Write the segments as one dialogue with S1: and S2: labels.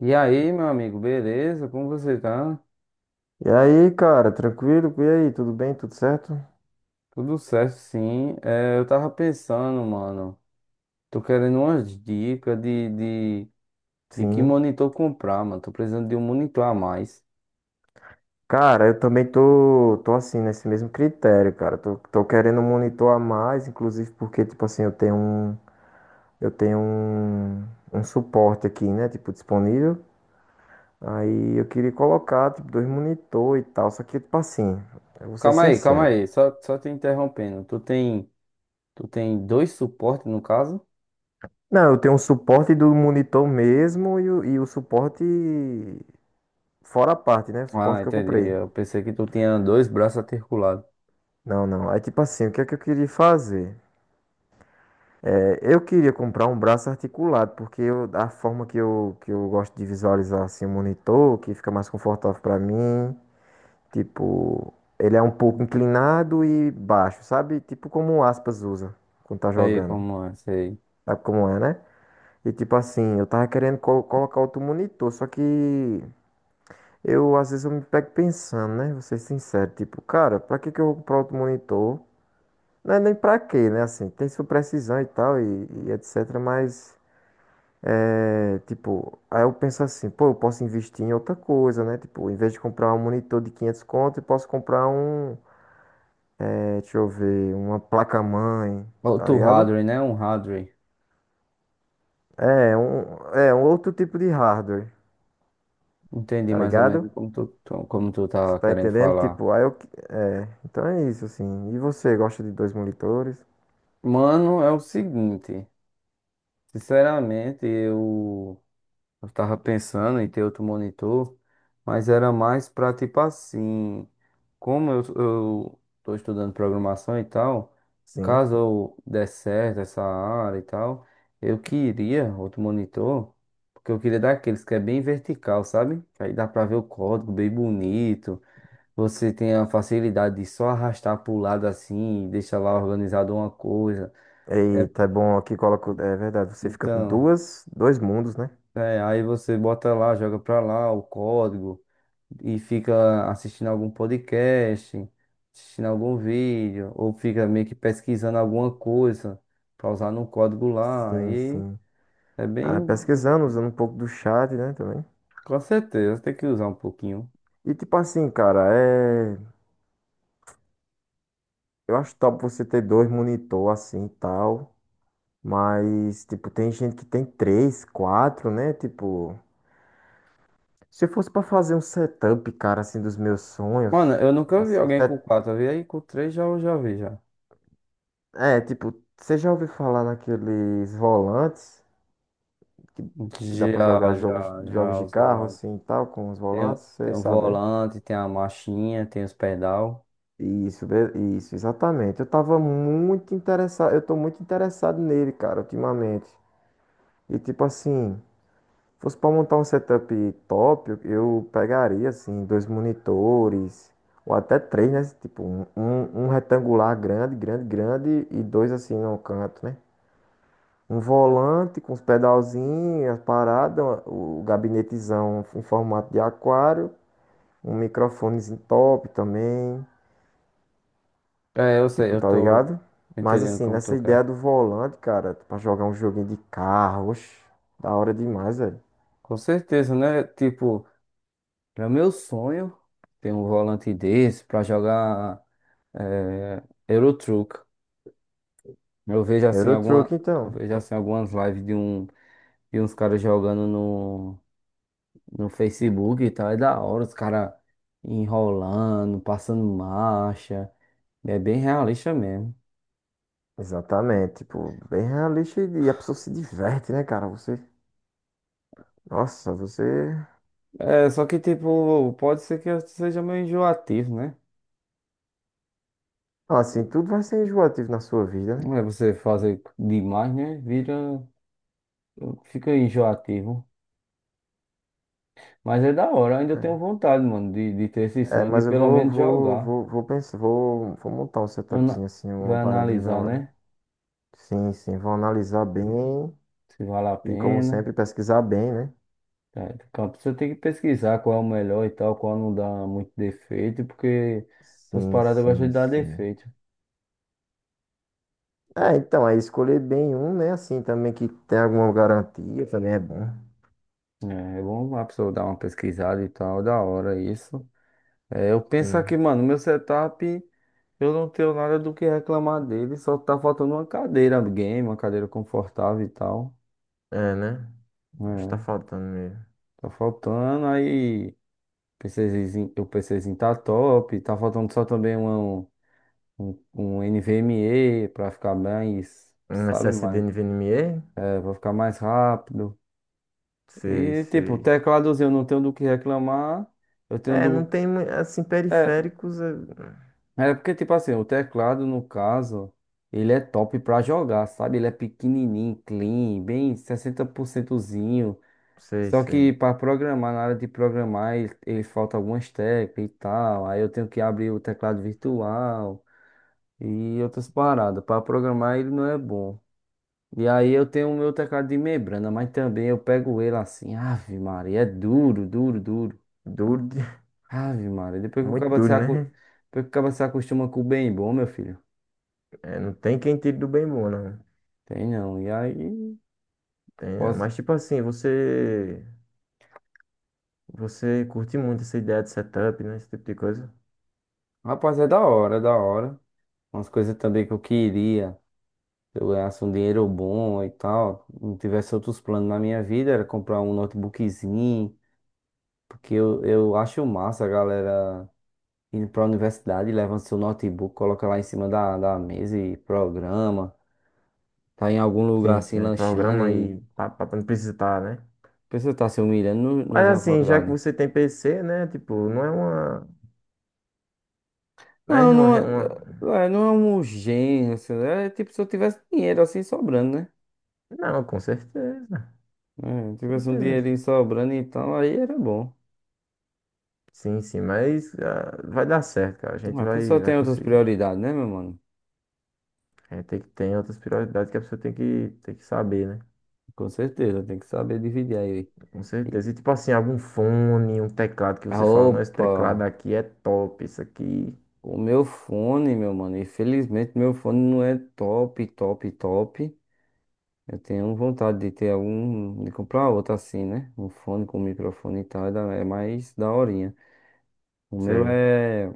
S1: E aí, meu amigo, beleza? Como você tá?
S2: E aí, cara, tranquilo? E aí, tudo bem? Tudo certo?
S1: Tudo certo, sim. Eu tava pensando, mano. Tô querendo umas dicas de, de que
S2: Sim.
S1: monitor comprar, mano. Tô precisando de um monitor a mais.
S2: Cara, eu também tô assim, nesse mesmo critério, cara. Tô querendo monitorar mais, inclusive porque, tipo assim, eu tenho um, um suporte aqui, né? Tipo, disponível. Aí eu queria colocar, tipo, dois monitor e tal. Só que, tipo assim, eu vou ser
S1: Calma aí, calma
S2: sincero.
S1: aí. Só te interrompendo. Tu tem dois suportes, no caso?
S2: Não, eu tenho um suporte do monitor mesmo e o suporte fora a parte, né? O suporte
S1: Ah,
S2: que eu
S1: entendi.
S2: comprei.
S1: Eu pensei que tu tinha dois braços articulados.
S2: Não, não. Aí, tipo assim, o que é que eu queria fazer? Eu queria comprar um braço articulado, a forma que eu gosto de visualizar assim, o monitor, que fica mais confortável pra mim, tipo, ele é um pouco inclinado e baixo, sabe? Tipo como o Aspas usa quando tá
S1: Aí,
S2: jogando.
S1: como é? Sei.
S2: Sabe como é, né? E tipo assim, eu tava querendo colocar outro monitor, só que eu às vezes eu me pego pensando, né? Vou ser sincero, tipo, cara, pra que que eu vou comprar outro monitor? Não é nem pra quê, né? Assim, tem sua precisão e tal, e etc, mas. É, tipo, aí eu penso assim, pô, eu posso investir em outra coisa, né? Tipo, em vez de comprar um monitor de 500 conto, eu posso comprar um, deixa eu ver, uma placa-mãe, tá
S1: Outro
S2: ligado?
S1: hardware, né? Um hardware.
S2: É, um, é um outro tipo de hardware,
S1: Entendi
S2: tá
S1: mais ou
S2: ligado?
S1: menos como tu tá
S2: Você tá
S1: querendo
S2: entendendo?
S1: falar.
S2: Tipo, aí então é isso, assim. E você, gosta de dois monitores?
S1: Mano, é o seguinte. Sinceramente, eu tava pensando em ter outro monitor, mas era mais pra tipo assim, como eu tô estudando programação e tal,
S2: Sim.
S1: caso eu der certo essa área e tal, eu queria outro monitor, porque eu queria daqueles que é bem vertical, sabe? Que aí dá pra ver o código bem bonito, você tem a facilidade de só arrastar pro lado assim e deixar lá organizado uma coisa. É,
S2: Eita, é bom aqui coloco, é verdade, você fica com
S1: então.
S2: duas, dois mundos, né?
S1: É, aí você bota lá, joga pra lá o código e fica assistindo algum podcast, assistindo algum vídeo, ou fica meio que pesquisando alguma coisa pra usar no código lá.
S2: Sim,
S1: E
S2: sim.
S1: é
S2: Ah,
S1: bem.
S2: pesquisando, usando um pouco do chat, né, também.
S1: Com certeza, tem que usar um pouquinho.
S2: E tipo assim, cara, é. Eu acho top você ter dois monitor assim e tal. Mas, tipo, tem gente que tem três, quatro, né? Tipo, se eu fosse pra fazer um setup, cara, assim, dos meus
S1: Mano,
S2: sonhos.
S1: eu nunca vi
S2: Assim,
S1: alguém com
S2: set-
S1: quatro, eu vi aí com três, já eu já vi já.
S2: tipo, você já ouviu falar naqueles volantes que, que dá pra
S1: Já,
S2: jogar jogos,
S1: já,
S2: jogos
S1: já,
S2: de
S1: os
S2: carro,
S1: volantes.
S2: assim e tal, com os
S1: Tem,
S2: volantes?
S1: tem
S2: Você
S1: o
S2: sabe, né?
S1: volante, tem a marchinha, tem os pedal.
S2: Isso, be- isso, exatamente. Eu tô muito interessado nele, cara, ultimamente. E tipo assim. Fosse para montar um setup top, eu pegaria assim dois monitores ou até três, né? Tipo um retangular grande, grande, grande e dois assim no canto, né? Um volante com os pedalzinhos, as paradas, o gabinetezão em formato de aquário, um microfonezinho top também,
S1: É, eu sei,
S2: tipo,
S1: eu
S2: tá
S1: tô
S2: ligado? Mas
S1: entendendo
S2: assim,
S1: como
S2: nessa
S1: tu
S2: ideia
S1: quer.
S2: do volante, cara, pra jogar um joguinho de carro, oxe, da hora demais, velho.
S1: Com certeza, né? Tipo, é meu sonho ter um volante desse pra jogar Eurotruck. Eu vejo assim
S2: Euro Truck,
S1: alguma, eu
S2: então.
S1: vejo assim algumas lives de uns caras jogando no no Facebook e tal, é da hora, os caras enrolando, passando marcha. É bem realista mesmo.
S2: Exatamente, tipo, bem realista e a pessoa se diverte, né, cara? Você, nossa, você,
S1: É, só que tipo, pode ser que seja meio enjoativo, né?
S2: Ah, assim, tudo vai ser enjoativo na sua vida, né?
S1: Não. É, você fazer demais, né? Vira, fica enjoativo. Mas é da hora, eu ainda
S2: É,
S1: tenho vontade, mano, de ter esse
S2: É,
S1: sonho, de
S2: mas eu
S1: pelo
S2: vou,
S1: menos
S2: vou,
S1: jogar.
S2: vou, vou pensar, vou montar um
S1: Ana-
S2: setupzinho assim, uma
S1: Vai
S2: paradinha da
S1: analisar,
S2: hora.
S1: né?
S2: Sim, sim, vou analisar bem
S1: Se vale a
S2: e, como
S1: pena.
S2: sempre, pesquisar bem, né?
S1: É, Campo, você tem que pesquisar qual é o melhor e tal, qual não dá muito defeito, porque essas
S2: Sim,
S1: paradas gostam
S2: sim,
S1: de dar
S2: sim.
S1: defeito.
S2: É, então, aí escolher bem um, né, assim, também que tem alguma garantia, também é bom.
S1: É, é bom a pessoa dar uma pesquisada e tal, da hora isso. É, eu penso aqui,
S2: Sim,
S1: mano, meu setup, eu não tenho nada do que reclamar dele, só tá faltando uma cadeira um game, uma cadeira confortável e tal.
S2: é, né? Acho que tá
S1: É,
S2: faltando mesmo.
S1: tá faltando aí. PCzinho, o PCzinho tá top. Tá faltando só também uma, um, um um NVMe pra ficar mais,
S2: Um
S1: sabe,
S2: SSD NVMe.
S1: pra ficar mais rápido.
S2: Sei,
S1: E tipo, o
S2: sei.
S1: tecladozinho eu não tenho do que reclamar. Eu tenho
S2: É, não
S1: do.
S2: tem, assim,
S1: É,
S2: periféricos, é,
S1: é porque, tipo assim, o teclado, no caso, ele é top pra jogar, sabe? Ele é pequenininho, clean, bem 60%zinho.
S2: sei,
S1: Só
S2: sei.
S1: que para programar, na hora de programar, ele falta algumas teclas e tal. Aí eu tenho que abrir o teclado virtual e outras paradas. Para programar ele não é bom. E aí eu tenho o meu teclado de membrana, mas também eu pego ele assim, Ave Maria, é duro, duro, duro.
S2: Duro.
S1: Ave Maria,
S2: Muito duro, né?
S1: depois que o cara se acostuma com o bem bom, meu filho.
S2: É, não tem quem tire do bem bom, não.
S1: Tem não. E aí,
S2: Tem, não.
S1: posso...
S2: Mas, tipo assim, você curte muito essa ideia de setup, né? Esse tipo de coisa.
S1: Rapaz, é da hora, é da hora. Umas coisas também que eu queria. Se eu ganhasse um dinheiro bom e tal, não tivesse outros planos na minha vida, era comprar um notebookzinho, porque eu acho massa, a galera indo para a universidade, leva seu notebook, coloca lá em cima da mesa e programa. Tá em algum lugar
S2: Sim, sim,
S1: assim,
S2: aí
S1: lanchando
S2: programa
S1: e
S2: aí, pá, pá, pra não precisar, né?
S1: a pessoa tá se humilhando no
S2: Mas,
S1: já
S2: assim, já que
S1: faculdade.
S2: você tem PC, né? Tipo, não é uma,
S1: Não,
S2: né? Uma,
S1: não
S2: re- uma...
S1: É, não é um gênio assim. É tipo se eu tivesse dinheiro assim sobrando, né?
S2: Não, com certeza,
S1: É,
S2: com
S1: tivesse um dinheirinho
S2: certeza.
S1: sobrando e tal, aí era bom.
S2: Sim, sim, mas ah, vai dar certo, cara. A
S1: Mas
S2: gente
S1: a
S2: vai,
S1: pessoa
S2: vai
S1: tem outras
S2: conseguir.
S1: prioridades, né, meu mano?
S2: É, tem que ter outras prioridades que a pessoa tem que saber, né?
S1: Com certeza, tem que saber dividir aí.
S2: Com certeza.
S1: E-
S2: E tipo assim, algum fone, um teclado que
S1: Ah,
S2: você fala, não, esse teclado
S1: opa,
S2: aqui é top, isso aqui.
S1: o meu fone, meu mano. Infelizmente, meu fone não é top, top, top. Eu tenho vontade de ter algum, de comprar outro assim, né? Um fone com microfone e tal, é mais daorinha. O meu
S2: Sei.
S1: é,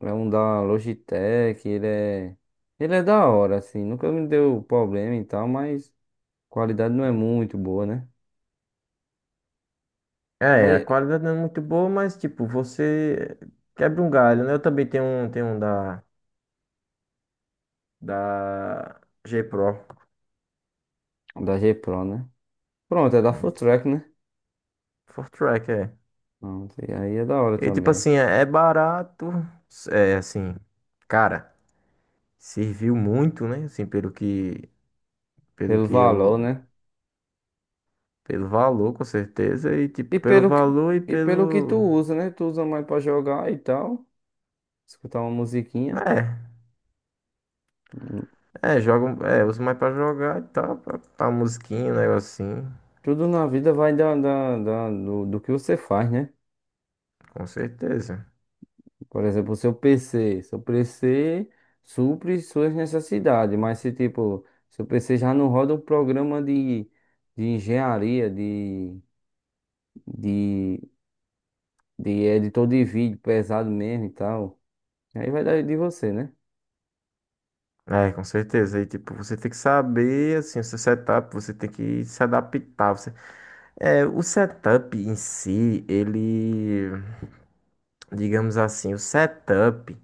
S1: é um da Logitech, ele é da hora, assim, nunca me deu problema e tal, mas a qualidade não é muito boa, né?
S2: É, a
S1: É
S2: qualidade não é muito boa, mas tipo, você quebra um galho, né? Eu também tenho um da G Pro.
S1: da G Pro, né? Pronto, é da
S2: Né?
S1: Fulltrack, né?
S2: Four track, é.
S1: Pronto, e aí é da hora
S2: E tipo
S1: também.
S2: assim, é barato, é assim, cara, serviu muito, né? Assim, pelo que, pelo
S1: Pelo
S2: que eu
S1: valor, né?
S2: Pelo valor, com certeza. E,
S1: E
S2: tipo, pelo
S1: pelo, que-
S2: valor e
S1: e pelo que tu
S2: pelo.
S1: usa, né? Tu usa mais pra jogar e tal, escutar uma musiquinha.
S2: É, é, jogam. É, uso mais pra jogar e tal. Pra musiquinha, um negocinho.
S1: Tudo na vida vai do que você faz, né?
S2: Com certeza.
S1: Por exemplo, o seu PC. Seu PC supre suas necessidades, mas se tipo, seu PC já não roda um programa de engenharia, de, de editor de vídeo pesado mesmo e tal, aí vai dar de você, né?
S2: É, com certeza. E, tipo, você tem que saber, assim, o seu setup. Você tem que se adaptar. Você... É, o setup em si, ele. Digamos assim, o setup.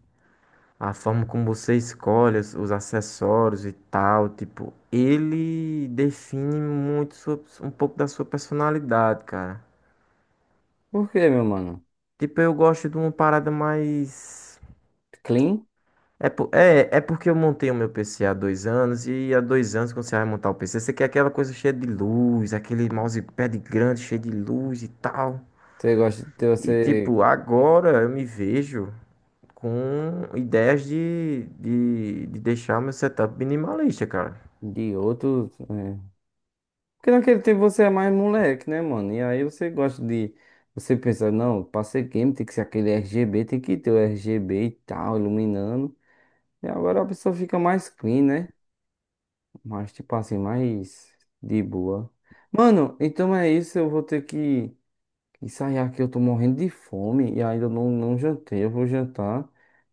S2: A forma como você escolhe os acessórios e tal, tipo, ele define muito um pouco da sua personalidade, cara.
S1: Por quê, meu mano?
S2: Tipo, eu gosto de uma parada mais.
S1: Clean?
S2: É porque eu montei o meu PC há 2 anos e há 2 anos, quando você vai montar o PC, você quer aquela coisa cheia de luz, aquele mousepad grande cheio de luz e tal.
S1: Você gosta de ter,
S2: E,
S1: você
S2: tipo, agora eu me vejo com ideias de deixar o meu setup minimalista, cara.
S1: de outros. É, porque naquele tempo você é mais moleque, né, mano? E aí você gosta de. Você pensa, não, pra ser game tem que ser aquele RGB, tem que ter o RGB e tal, iluminando. E agora a pessoa fica mais clean, né? Mais, tipo assim, mais de boa. Mano, então é isso, eu vou ter que ensaiar aqui. Eu tô morrendo de fome e ainda não jantei, eu vou jantar.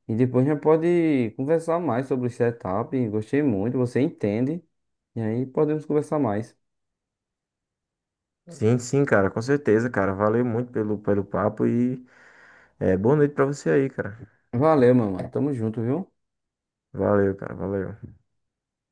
S1: E depois a gente pode conversar mais sobre o setup. Gostei muito, você entende. E aí podemos conversar mais.
S2: Sim, sim, cara, com certeza, cara. Valeu muito pelo papo e boa noite pra você aí, cara.
S1: Valeu, meu mano. Tamo junto, viu?
S2: Valeu, cara, valeu.